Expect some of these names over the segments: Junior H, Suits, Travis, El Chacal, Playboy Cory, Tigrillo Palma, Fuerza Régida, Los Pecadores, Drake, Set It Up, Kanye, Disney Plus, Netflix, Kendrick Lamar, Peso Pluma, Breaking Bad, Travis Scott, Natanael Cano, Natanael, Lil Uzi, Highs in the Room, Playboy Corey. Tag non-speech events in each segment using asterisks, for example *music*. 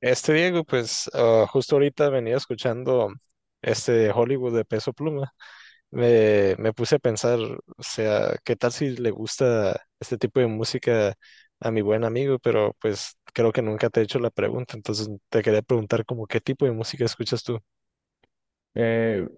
Este Diego, pues justo ahorita venía escuchando este Hollywood de Peso Pluma. Me puse a pensar, o sea, ¿qué tal si le gusta este tipo de música a mi buen amigo? Pero pues creo que nunca te he hecho la pregunta, entonces te quería preguntar como qué tipo de música escuchas tú. Eh,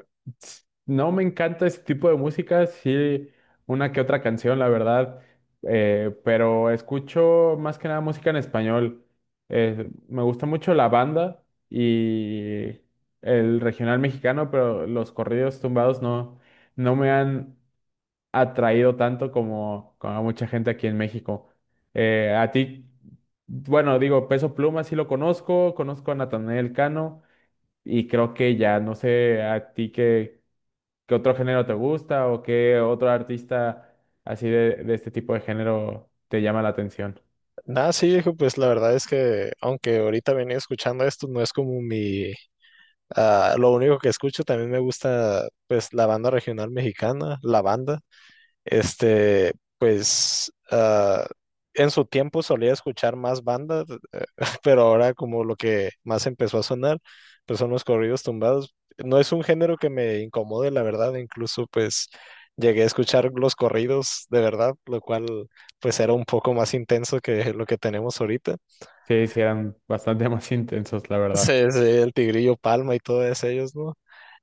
no me encanta ese tipo de música, sí, una que otra canción, la verdad, pero escucho más que nada música en español. Me gusta mucho la banda y el regional mexicano, pero los corridos tumbados no, no me han atraído tanto como a mucha gente aquí en México. A ti, bueno, digo, Peso Pluma sí lo conozco, conozco a Natanael Cano. Y creo que ya, no sé a ti qué otro género te gusta o qué otro artista así de este tipo de género te llama la atención. Nada, sí, Diego, pues la verdad es que aunque ahorita venía escuchando esto, no es como mi… ah, lo único que escucho, también me gusta pues la banda regional mexicana, la banda. Este, pues en su tiempo solía escuchar más bandas, eh, *laughs* pero ahora como lo que más empezó a sonar, pues son los corridos tumbados. No es un género que me incomode, la verdad, incluso pues llegué a escuchar los corridos de verdad, lo cual pues era un poco más intenso que lo que tenemos ahorita. *laughs* Sí, sí, eran bastante *laughs* más intensos, la Sí, verdad. El Tigrillo Palma y todos ellos, ¿no?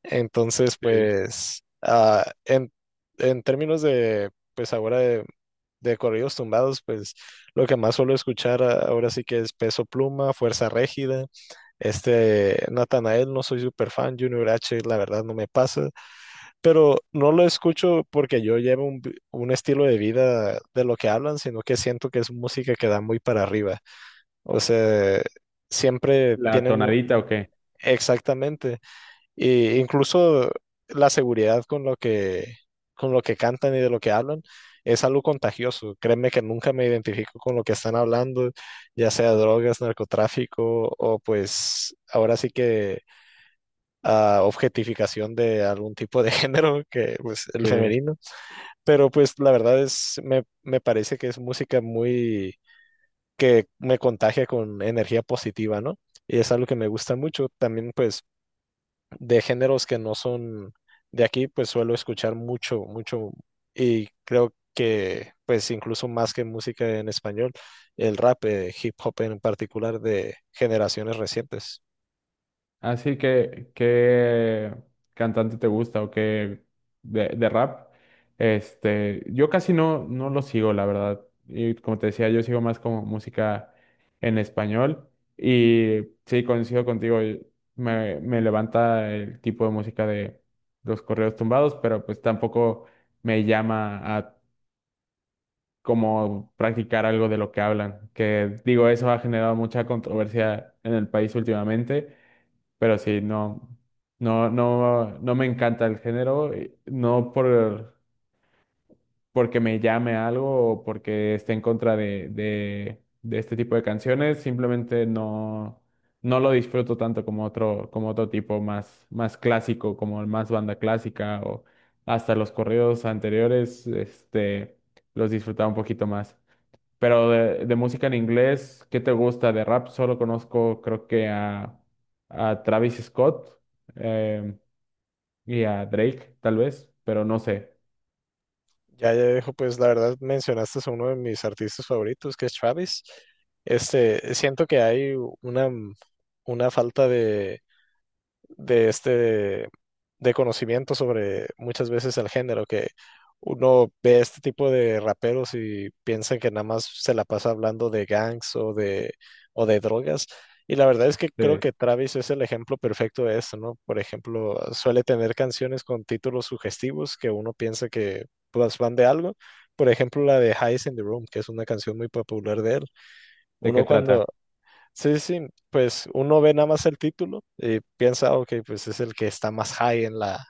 Entonces, Sí. pues, en términos de, pues ahora de corridos tumbados, pues lo que más suelo escuchar ahora sí que es Peso Pluma, Fuerza Régida, este Natanael, no soy super fan, Junior H, la verdad no me pasa, pero no lo escucho porque yo llevo un, un estilo de vida de lo que hablan, sino que siento que es música que da muy para arriba, o sea, siempre ¿La tienen… un— tonadita o qué? Exactamente. Y incluso la seguridad con lo que cantan y de lo que hablan es algo contagioso. Créeme que nunca me identifico con lo que están hablando, ya sea drogas, narcotráfico o pues ahora sí que objetificación de algún tipo de *laughs* género que pues el Sí. femenino. Pero pues la verdad es, me parece que es música muy que me contagia con energía positiva, ¿no? Y es algo que me gusta mucho. También pues de géneros que no son de aquí, pues suelo escuchar mucho, mucho, y creo que pues incluso más que música en español, el rap, hip hop en particular de generaciones recientes. Así que, ¿qué cantante te gusta o qué de rap? Este, yo casi no lo sigo, la verdad. Y como te decía, yo sigo más como música en español. Y sí, coincido contigo, y me levanta el tipo de música de los correos tumbados, pero pues tampoco me llama a como practicar algo de lo que hablan. Que digo, eso ha generado mucha controversia en el país últimamente, pero sí, no, no me encanta el género, no porque me llame algo o porque esté en contra de este tipo de canciones, simplemente no, no lo disfruto tanto como como otro tipo más, más clásico, como el más banda clásica o hasta los corridos anteriores, este, los disfrutaba un poquito más. Pero de música en inglés, ¿qué te gusta? De rap solo conozco, creo que a Travis Scott, em, y a Drake, tal vez, pero no sé Ya, ya dejo, pues la verdad mencionaste a uno de mis artistas favoritos, que es Travis. Este, siento que hay una, una falta de de este de conocimiento sobre muchas veces el género, que uno ve este tipo de raperos y piensa que nada más se la pasa hablando de gangs o de drogas. Y la verdad es que creo de, que Travis es el ejemplo perfecto de esto, ¿no? Por ejemplo, suele tener canciones con títulos sugestivos que uno piensa que pues, van de algo. Por ejemplo, la de Highs in the Room, que es una canción muy popular de él. de qué Uno cuando, trata sí, sí, pues uno ve nada más el título y piensa, ok, pues es el que está más high en la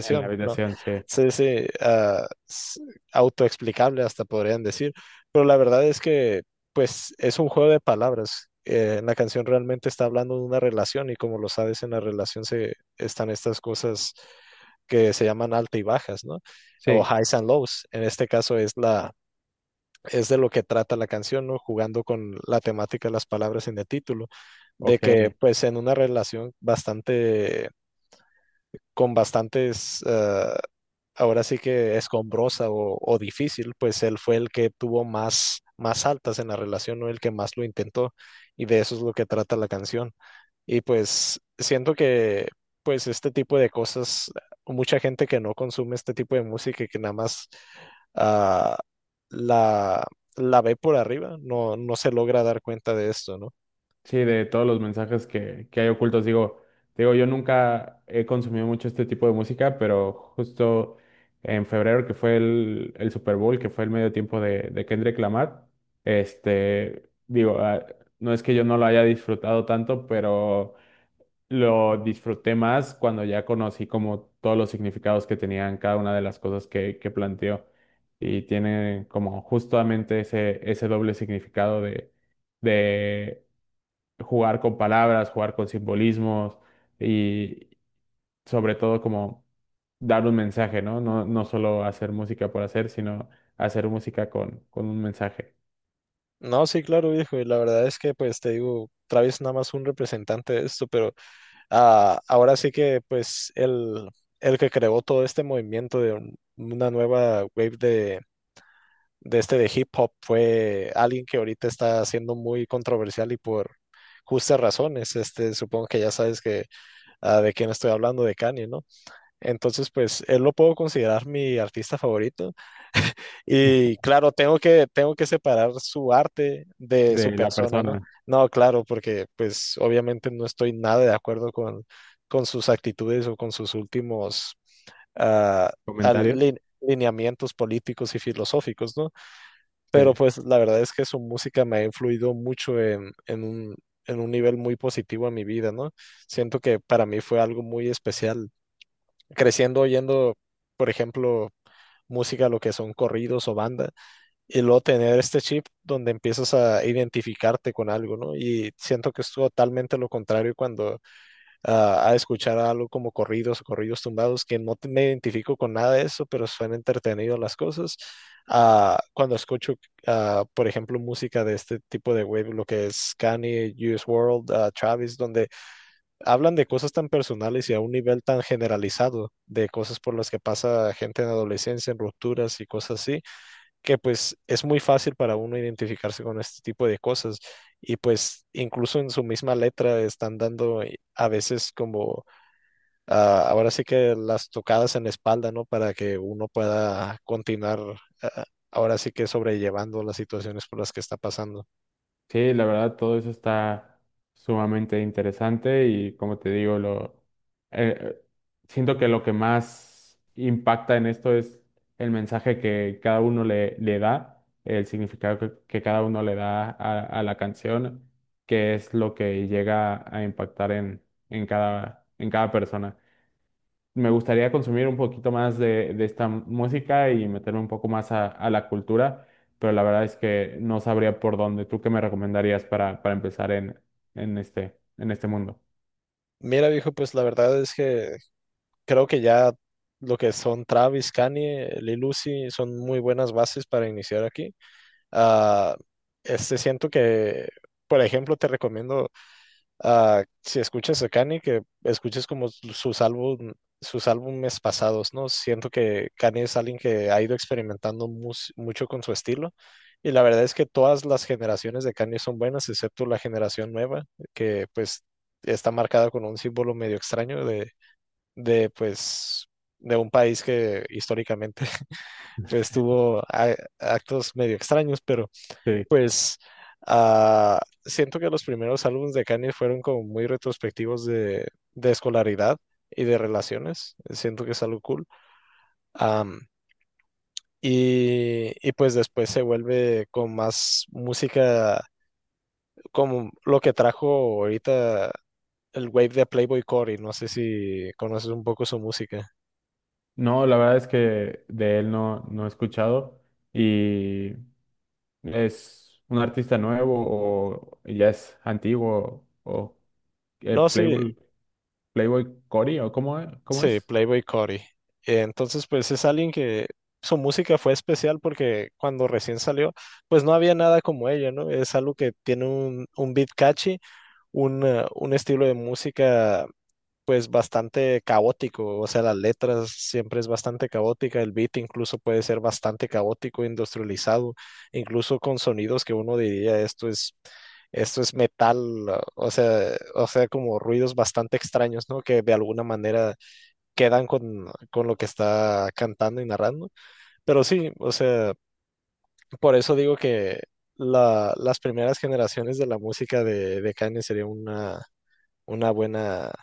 en la ¿no? habitación. Sí, Sí, sí, autoexplicable hasta podrían decir, pero la verdad es que, pues es un juego de palabras. La canción realmente está hablando de una relación y como lo sabes, en la relación se están estas cosas que se llaman altas y bajas, ¿no? O sí, highs and lows. En este caso es la es de lo que trata la canción, ¿no? Jugando con la temática de las palabras en el título, de que ok. pues en una relación bastante, con bastantes, ahora sí que escombrosa o difícil, pues él fue el que tuvo más, más altas en la relación, ¿no? El que más lo intentó, y de eso es lo que trata la canción. Y pues siento que pues este tipo de cosas, mucha gente que no consume este tipo de música y que nada más ah, la, la ve por arriba, no, no se logra dar cuenta de esto, ¿no? Sí, de todos los mensajes que hay ocultos, digo, yo nunca he consumido mucho este tipo de música, pero justo en febrero, que fue el Super Bowl, que fue el medio tiempo de Kendrick Lamar, este, digo, ah, no es que yo no lo haya disfrutado tanto, pero lo disfruté más cuando ya conocí como todos los significados que tenían cada una de las cosas que planteó. Y tiene como justamente ese doble significado de jugar con palabras, jugar con simbolismos y sobre todo como dar un mensaje, ¿no? No, no solo hacer música por hacer, sino hacer música con un mensaje No, sí, claro, viejo, y la verdad es que pues te digo, Travis nada más un representante de esto, pero ahora sí que pues el que creó todo este movimiento de una nueva wave de de hip hop fue alguien que ahorita está siendo muy controversial y por justas razones. Este, supongo que ya sabes que de quién estoy hablando, de Kanye, ¿no? Entonces, pues él lo puedo considerar mi artista favorito y claro, tengo que separar su arte de su de la persona, ¿no? persona. No, claro, porque pues obviamente no estoy nada de acuerdo con sus actitudes o con sus últimos ah, ¿Comentarios? Lineamientos políticos y filosóficos, ¿no? Pero Sí. pues la verdad es que su música me ha influido mucho en un nivel muy positivo en mi vida, ¿no? Siento que para mí fue algo muy especial. Creciendo oyendo, por ejemplo, música, lo que son corridos o banda, y luego tener este chip donde empiezas a identificarte con algo, ¿no? Y siento que es totalmente lo contrario cuando a escuchar algo como corridos o corridos tumbados, que no me identifico con nada de eso, pero suena entretenido las cosas. Cuando escucho, por ejemplo, música de este tipo de wave, lo que es Kanye, US World, Travis, donde hablan de cosas tan personales y a un nivel tan generalizado, de cosas por las que pasa gente en adolescencia, en rupturas y cosas así, que pues es muy fácil para uno identificarse con este tipo de cosas. Y pues incluso en su misma letra están dando a veces como ahora sí que las tocadas en la espalda, ¿no? Para que uno pueda continuar, ah, ahora sí que sobrellevando las situaciones por las que está pasando. Sí, la verdad, todo eso está sumamente interesante y como te digo, lo eh, siento que lo que más impacta en esto es el mensaje que cada uno le da, el significado que cada uno le da a la canción, que es lo que llega a impactar en cada persona. Me gustaría consumir un poquito más de esta música y meterme un poco más a la cultura, pero la verdad es que no sabría por dónde. ¿Tú qué me recomendarías para empezar en este mundo? Mira, viejo, pues la verdad es que creo que ya lo que son Travis, Kanye, Lil Uzi son muy buenas bases para iniciar aquí. Ah, este siento que, por ejemplo, te recomiendo. Si escuchas a Kanye, que escuches como sus álbum, sus álbumes pasados, ¿no? Siento que Kanye es alguien que ha ido experimentando mucho con su estilo. Y la verdad es que todas las generaciones de Kanye son buenas, excepto la generación nueva, que pues está marcada con un símbolo medio extraño de pues, de un país que históricamente *laughs* pues tuvo actos medio extraños, pero Sí. pues siento que los primeros álbumes de Kanye fueron como muy retrospectivos de escolaridad y de relaciones. Siento que es algo cool. Am, y, y pues después se vuelve con más música, como lo que trajo ahorita el wave de Playboy Corey. No sé si conoces un poco su música. No, la verdad es que de él no, no he escuchado, y es un artista nuevo o ya es antiguo o No, sí, Playboy, Playboy Cory o cómo sí, es? Playboy Cory. Entonces, pues es alguien que su música fue especial porque cuando recién salió, pues no había nada como ella, ¿no? Es algo que tiene un beat catchy, un estilo de música pues bastante caótico, o sea, las letras siempre es bastante caótica, el beat incluso puede ser bastante caótico, industrializado, incluso con sonidos que uno diría esto es metal, o sea, como ruidos bastante extraños, ¿no? Que de alguna manera quedan con lo que está cantando y narrando. Pero sí, o sea, por eso digo que las primeras generaciones de la música de Kanye sería una buena,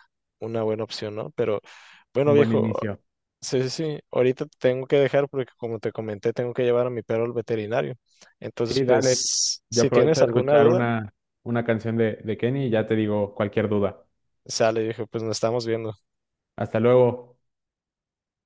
una buena opción, ¿no? Pero bueno, Un buen viejo, inicio. sí, sí, sí, ahorita te tengo que dejar porque como te comenté, tengo que llevar a mi perro al veterinario. Entonces, Sí, dale. pues, Yo si aprovecho tienes a alguna escuchar duda, una canción de Kenny y ya te digo cualquier duda. sale, viejo, pues nos estamos viendo. Hasta luego.